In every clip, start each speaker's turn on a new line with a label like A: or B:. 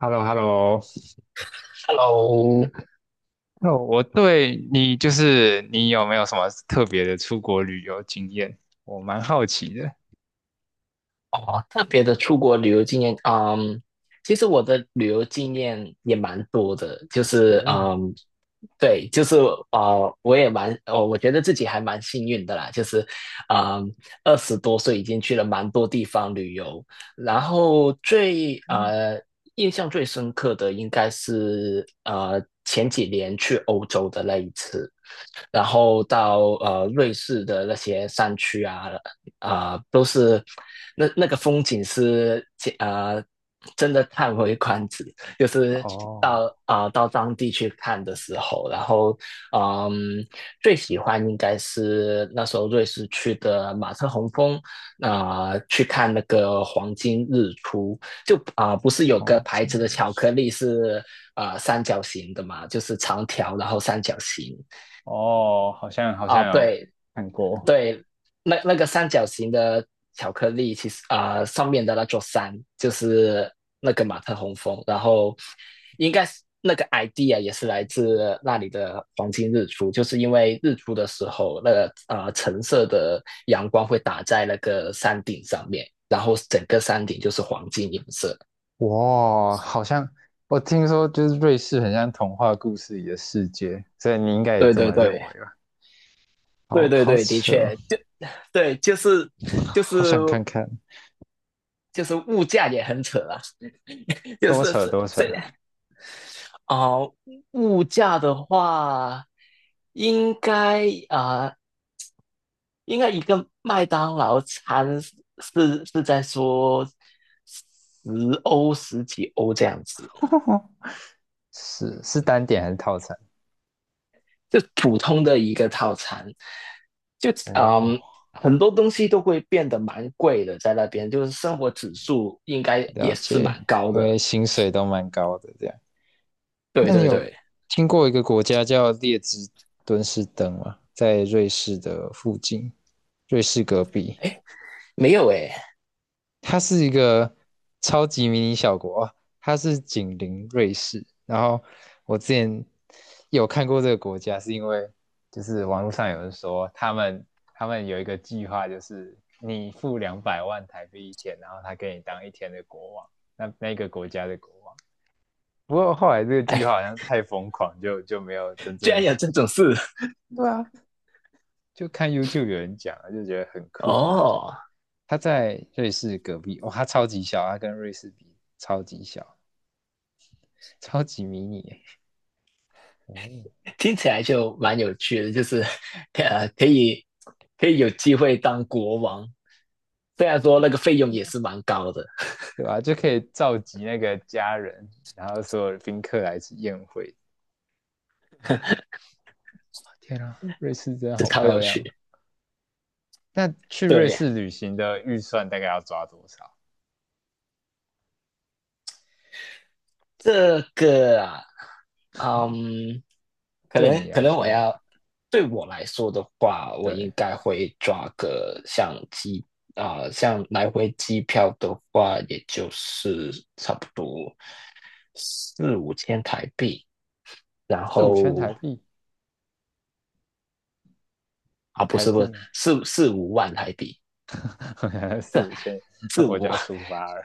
A: h e l l o h e l l o
B: Hello，
A: 那我对你就是你有没有什么特别的出国旅游经验？我蛮好奇的。
B: 哦，特别的出国旅游经验，其实我的旅游经验也蛮多的，就是，
A: 哦，
B: 对，就是，我也蛮，我觉得自己还蛮幸运的啦，就是，嗯，20多岁已经去了蛮多地方旅游，然后
A: 嗯
B: 印象最深刻的应该是，前几年去欧洲的那一次。然后到瑞士的那些山区啊，啊、都是那个风景是呃真的叹为观止，就是
A: 哦，
B: 到当地去看的时候，然后嗯最喜欢应该是那时候瑞士去的马特洪峰，去看那个黄金日出。不是有
A: 哦，
B: 个牌
A: 经
B: 子的
A: 历
B: 巧克力是三角形的嘛，就是长条然后三角形。
A: 哦，好像好
B: 啊，
A: 像有
B: 对。
A: 看过。
B: 对，那个三角形的巧克力，其实上面的那座山就是那个马特洪峰。然后应该是那个 idea 也是来自那里的黄金日出，就是因为日出的时候，那个橙色的阳光会打在那个山顶上面，然后整个山顶就是黄金颜色。
A: 哇，好像我听说就是瑞士很像童话故事里的世界，所以你应该也
B: 对
A: 这
B: 对
A: 么认
B: 对
A: 为吧？
B: 对
A: 好
B: 对
A: 好
B: 对，的
A: 扯哦
B: 确，就对，就是
A: 好想看看，
B: 就是物价也很扯啊 就
A: 多
B: 是
A: 扯
B: 是
A: 多扯。
B: 虽然哦，物价的话，应该啊、呃应该一个麦当劳餐是在说十十几欧这样子。
A: 是单点还是套餐？
B: 就普通的一个套餐，就
A: 哦，
B: 嗯。很多东西都会变得蛮贵的，在那边就是生活指数应该也
A: 了
B: 是
A: 解，
B: 蛮高
A: 因
B: 的。
A: 为薪水都蛮高的这样。
B: 对
A: 那你
B: 对
A: 有
B: 对，
A: 听过一个国家叫列支敦士登吗？在瑞士的附近，瑞士隔壁，
B: 哎，没有哎。
A: 它是一个超级迷你小国啊，哦它是紧邻瑞士。然后我之前有看过这个国家，是因为就是网络上有人说他们有一个计划，就是你付200万台币一天，然后他给你当一天的国王，那个国家的国王。不过后来这个计
B: 哎，
A: 划好像太疯狂，就没有真
B: 居
A: 正
B: 然
A: 的实
B: 有这
A: 现。
B: 种事。
A: 对啊，就看 YouTube 有人讲，就觉得很酷，然后就
B: 哦，
A: 他在瑞士隔壁，哇、他超级小，他跟瑞士比超级小，超级迷你耶哦，
B: 听起来就蛮有趣的，就是 呃，可以可以有机会当国王，虽然说那个费用也是蛮高的，
A: 对吧、就可以召集那个家人，然后所有宾客来一起宴会。天啊，瑞士真的
B: 这
A: 好
B: 超
A: 漂
B: 有
A: 亮！
B: 趣。
A: 那去瑞
B: 对，
A: 士旅行的预算大概要抓多少？
B: 这个啊，可
A: 对
B: 能
A: 你
B: 可
A: 来
B: 能
A: 说，
B: 对我来说的话，我应
A: 对，
B: 该会抓个相机。像来回机票的话，也就是差不多四五千台币。然
A: 四五千
B: 后
A: 台币，
B: 啊，不
A: 台
B: 是不是
A: 币吗？
B: 四五万台币。
A: 四
B: 这
A: 五千
B: 四
A: 我就
B: 五
A: 要出发了。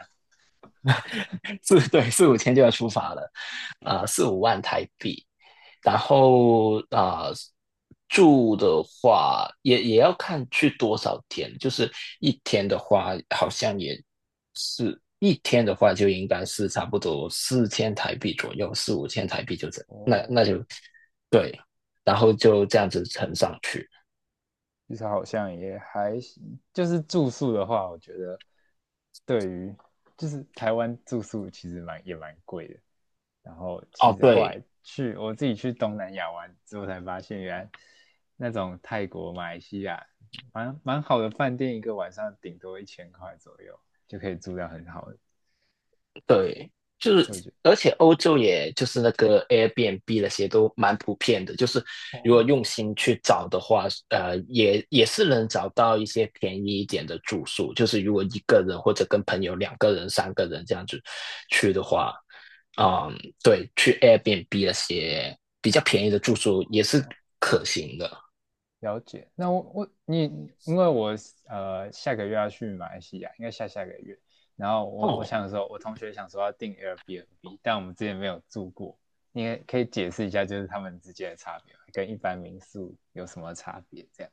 B: 四 对四五千就要出发了。啊，四五万台币。然后住的话也要看去多少天，就是一天的话好像也是一天的话就应该是差不多4000台币左右，四五千台币就这，那
A: 哦，
B: 就对。然后就这样子乘上去。
A: 至少好像也还行。就是住宿的话，我觉得对于就是台湾住宿其实也蛮贵的。然后其
B: 哦，
A: 实后来
B: 对，
A: 去我自己去东南亚玩之后，才发现原来那种泰国、马来西亚蛮好的饭店，一个晚上顶多1000块左右就可以住到很好的。
B: 对，就是
A: 所以我觉得
B: 而且欧洲也就是那个 Airbnb 那些都蛮普遍的。就是如果
A: 哦，
B: 用心去找的话，也是能找到一些便宜一点的住宿。就是如果一个人或者跟朋友两个人、三个人这样子去的话，嗯，对，去 Airbnb 那些比较便宜的住宿也是可行的。
A: 了解。那我我你因为我下个月要去马来西亚，应该下下个月。然后我
B: 哦，
A: 想说，我同学想说要订 Airbnb，但我们之前没有住过。你也可以解释一下，就是他们之间的差别，跟一般民宿有什么差别？这样。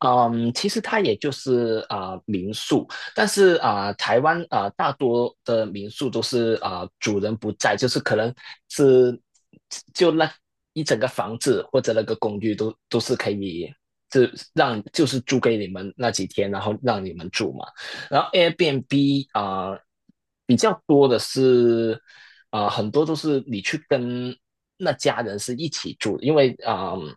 B: 嗯，其实它也就是民宿。但是台湾大多的民宿都是主人不在，就是可能是就那一整个房子或者那个公寓都是可以，就让就是租给你们那几天，然后让你们住嘛。然后 Airbnb 比较多的是很多都是你去跟那家人是一起住，因为啊。嗯，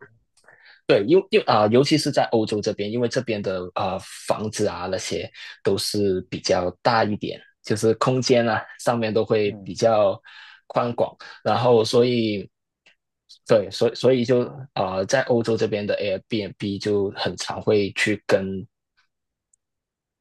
B: 对，因为尤其是在欧洲这边，因为这边的房子啊那些都是比较大一点，就是空间啊上面都会
A: 嗯，
B: 比较宽广。然后所以对，所以就在欧洲这边的 Airbnb 就很常会去跟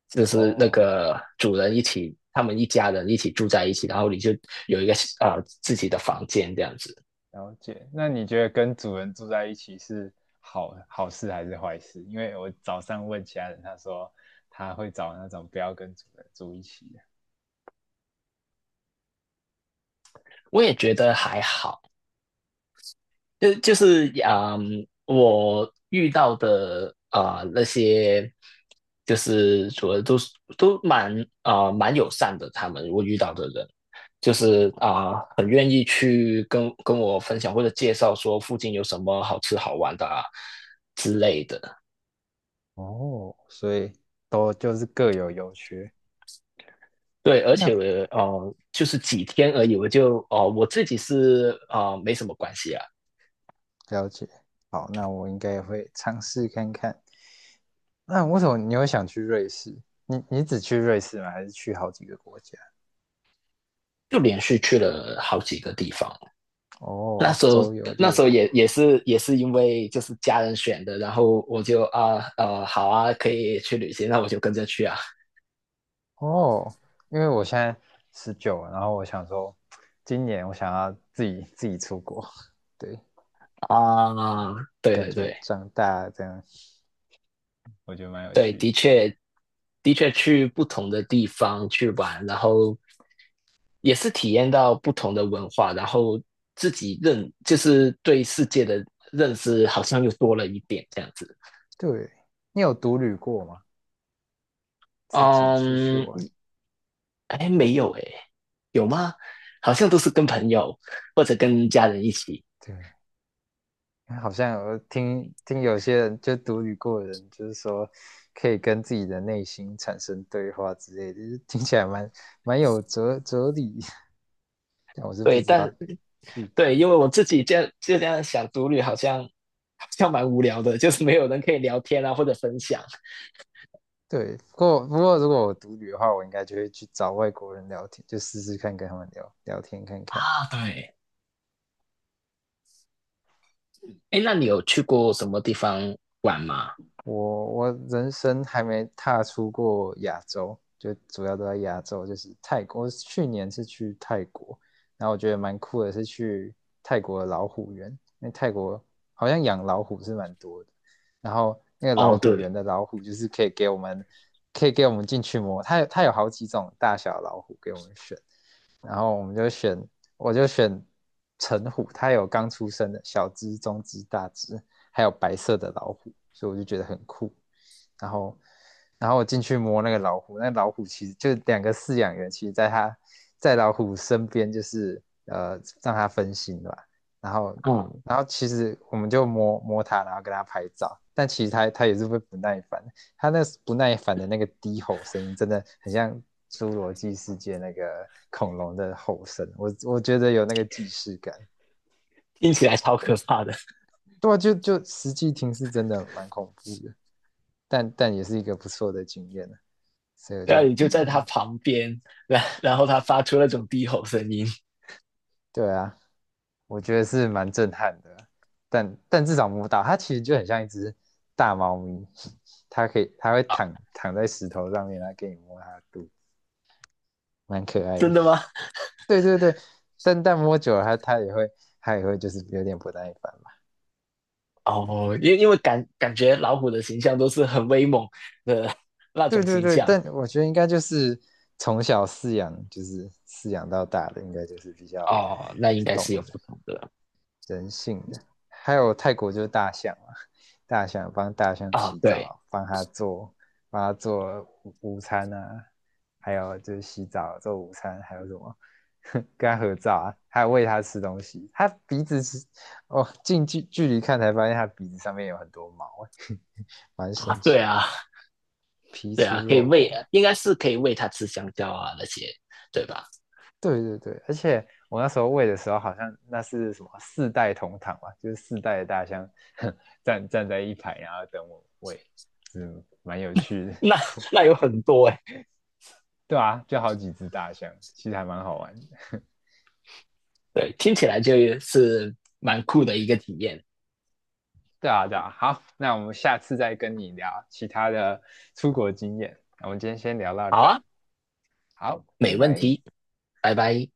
B: 就是那
A: 哦，
B: 个主人一起，他们一家人一起住在一起，然后你就有一个自己的房间这样子。
A: 了解。那你觉得跟主人住在一起是好事还是坏事？因为我早上问其他人，他说他会找那种不要跟主人住一起的。
B: 我也觉得还好，就是我遇到的那些，就是主要都是都蛮友善的，他们我遇到的人，就是很愿意去跟我分享或者介绍说附近有什么好吃好玩的啊之类的。
A: 哦，所以都就是各有优缺。
B: 对，而且我
A: 那
B: 就是几天而已，我就哦、我自己是没什么关系啊，
A: 了解，好，那我应该也会尝试看看。那为什么你会想去瑞士？你只去瑞士吗？还是去好几个国家？
B: 就连续去了好几个地方。那
A: 哦，
B: 时候
A: 周游
B: 那
A: 列
B: 时候
A: 国。
B: 也是因为就是家人选的，然后我就好啊，可以去旅行，那我就跟着去啊。
A: 哦，因为我现在19，然后我想说，今年我想要自己出国。对，
B: 啊，对
A: 感
B: 对
A: 觉
B: 对
A: 长大这样，我觉得蛮有
B: 对，
A: 趣
B: 的
A: 的。
B: 确的确去不同的地方去玩，然后也是体验到不同的文化，然后自己就是对世界的认识好像又多了一点这样子。
A: 对，你有独旅过吗？自己出去
B: 嗯，
A: 玩？
B: 哎，没有哎。有吗？好像都是跟朋友或者跟家人一起。
A: 对。好像我听有些人就独旅过的人，就是说可以跟自己的内心产生对话之类的，就是听起来蛮有哲理，但我是不
B: 对，
A: 知道具体。
B: 对，因为我自己这样就这样想，独旅好像蛮无聊的，就是没有人可以聊天啊，或者分享
A: 对，不过如果我独旅的话，我应该就会去找外国人聊天，就试试看跟他们聊聊天看看。
B: 啊。对，哎，那你有去过什么地方玩吗？
A: 我人生还没踏出过亚洲，就主要都在亚洲，就是泰国。我去年是去泰国，然后我觉得蛮酷的是去泰国的老虎园，因为泰国好像养老虎是蛮多的。然后那个老
B: 哦，
A: 虎
B: 对，
A: 园的老虎就是可以给我们进去摸，它有好几种大小老虎给我们选，然后我就选橙虎，它有刚出生的小只、中只、大只，还有白色的老虎，所以我就觉得很酷。然后，然后我进去摸那个老虎，那老虎其实就两个饲养员，其实在老虎身边，就是让它分心吧。然后，
B: 嗯，
A: 然后其实我们就摸摸它，然后跟它拍照，但其实它也是会不耐烦，他那不耐烦的那个低吼声音，真的很像侏罗纪世界那个恐龙的吼声，我觉得有那个既视感。
B: 听起来超可怕的。
A: 对啊，就实际听是真的蛮恐怖的，但也是一个不错的经验呢。所以 我
B: 然后
A: 就
B: 你就在他
A: 嗯，
B: 旁边，然后他发出那种低吼声音
A: 对啊，我觉得是蛮震撼的。但至少摸到它，其实就很像一只大猫咪，它可以它会
B: 啊，
A: 躺在石头上面，来给你摸它的肚蛮可爱的。
B: 真的吗？
A: 对对对，但摸久了它也会就是有点不耐烦嘛。
B: 哦，因为感觉老虎的形象都是很威猛的那
A: 对
B: 种
A: 对
B: 形
A: 对，
B: 象。
A: 但我觉得应该就是从小饲养，就是饲养到大的，应该就是比较
B: 哦，那应该
A: 懂
B: 是有
A: 人。
B: 不同的
A: 人性的。还有泰国就是大象啊，大象帮大象
B: 啊。
A: 洗
B: 对
A: 澡，帮它做午餐啊，还有就是洗澡做午餐，还有什么跟它合照啊，还有喂它吃东西。它鼻子是哦，近距离看才发现它鼻子上面有很多毛欸，蛮
B: 啊，
A: 神
B: 对
A: 奇，
B: 啊。
A: 皮
B: 对
A: 粗
B: 啊，可以
A: 肉
B: 喂，
A: 厚。
B: 应该是可以喂它吃香蕉啊那些，对吧？
A: 对对对，而且我那时候喂的时候，好像那是什么四代同堂嘛，就是四代的大象 站在一排，然后等我喂，嗯，蛮有趣的。
B: 那 那有很多哎、欸
A: 对啊，就好几只大象，其实还蛮好玩的。
B: 对，听起来就是蛮酷的一个体验。
A: 对啊，对啊，好，那我们下次再跟你聊其他的出国经验。那我们今天先聊到
B: 好
A: 这，
B: 啊，
A: 好，拜
B: 没问
A: 拜。
B: 题，拜拜。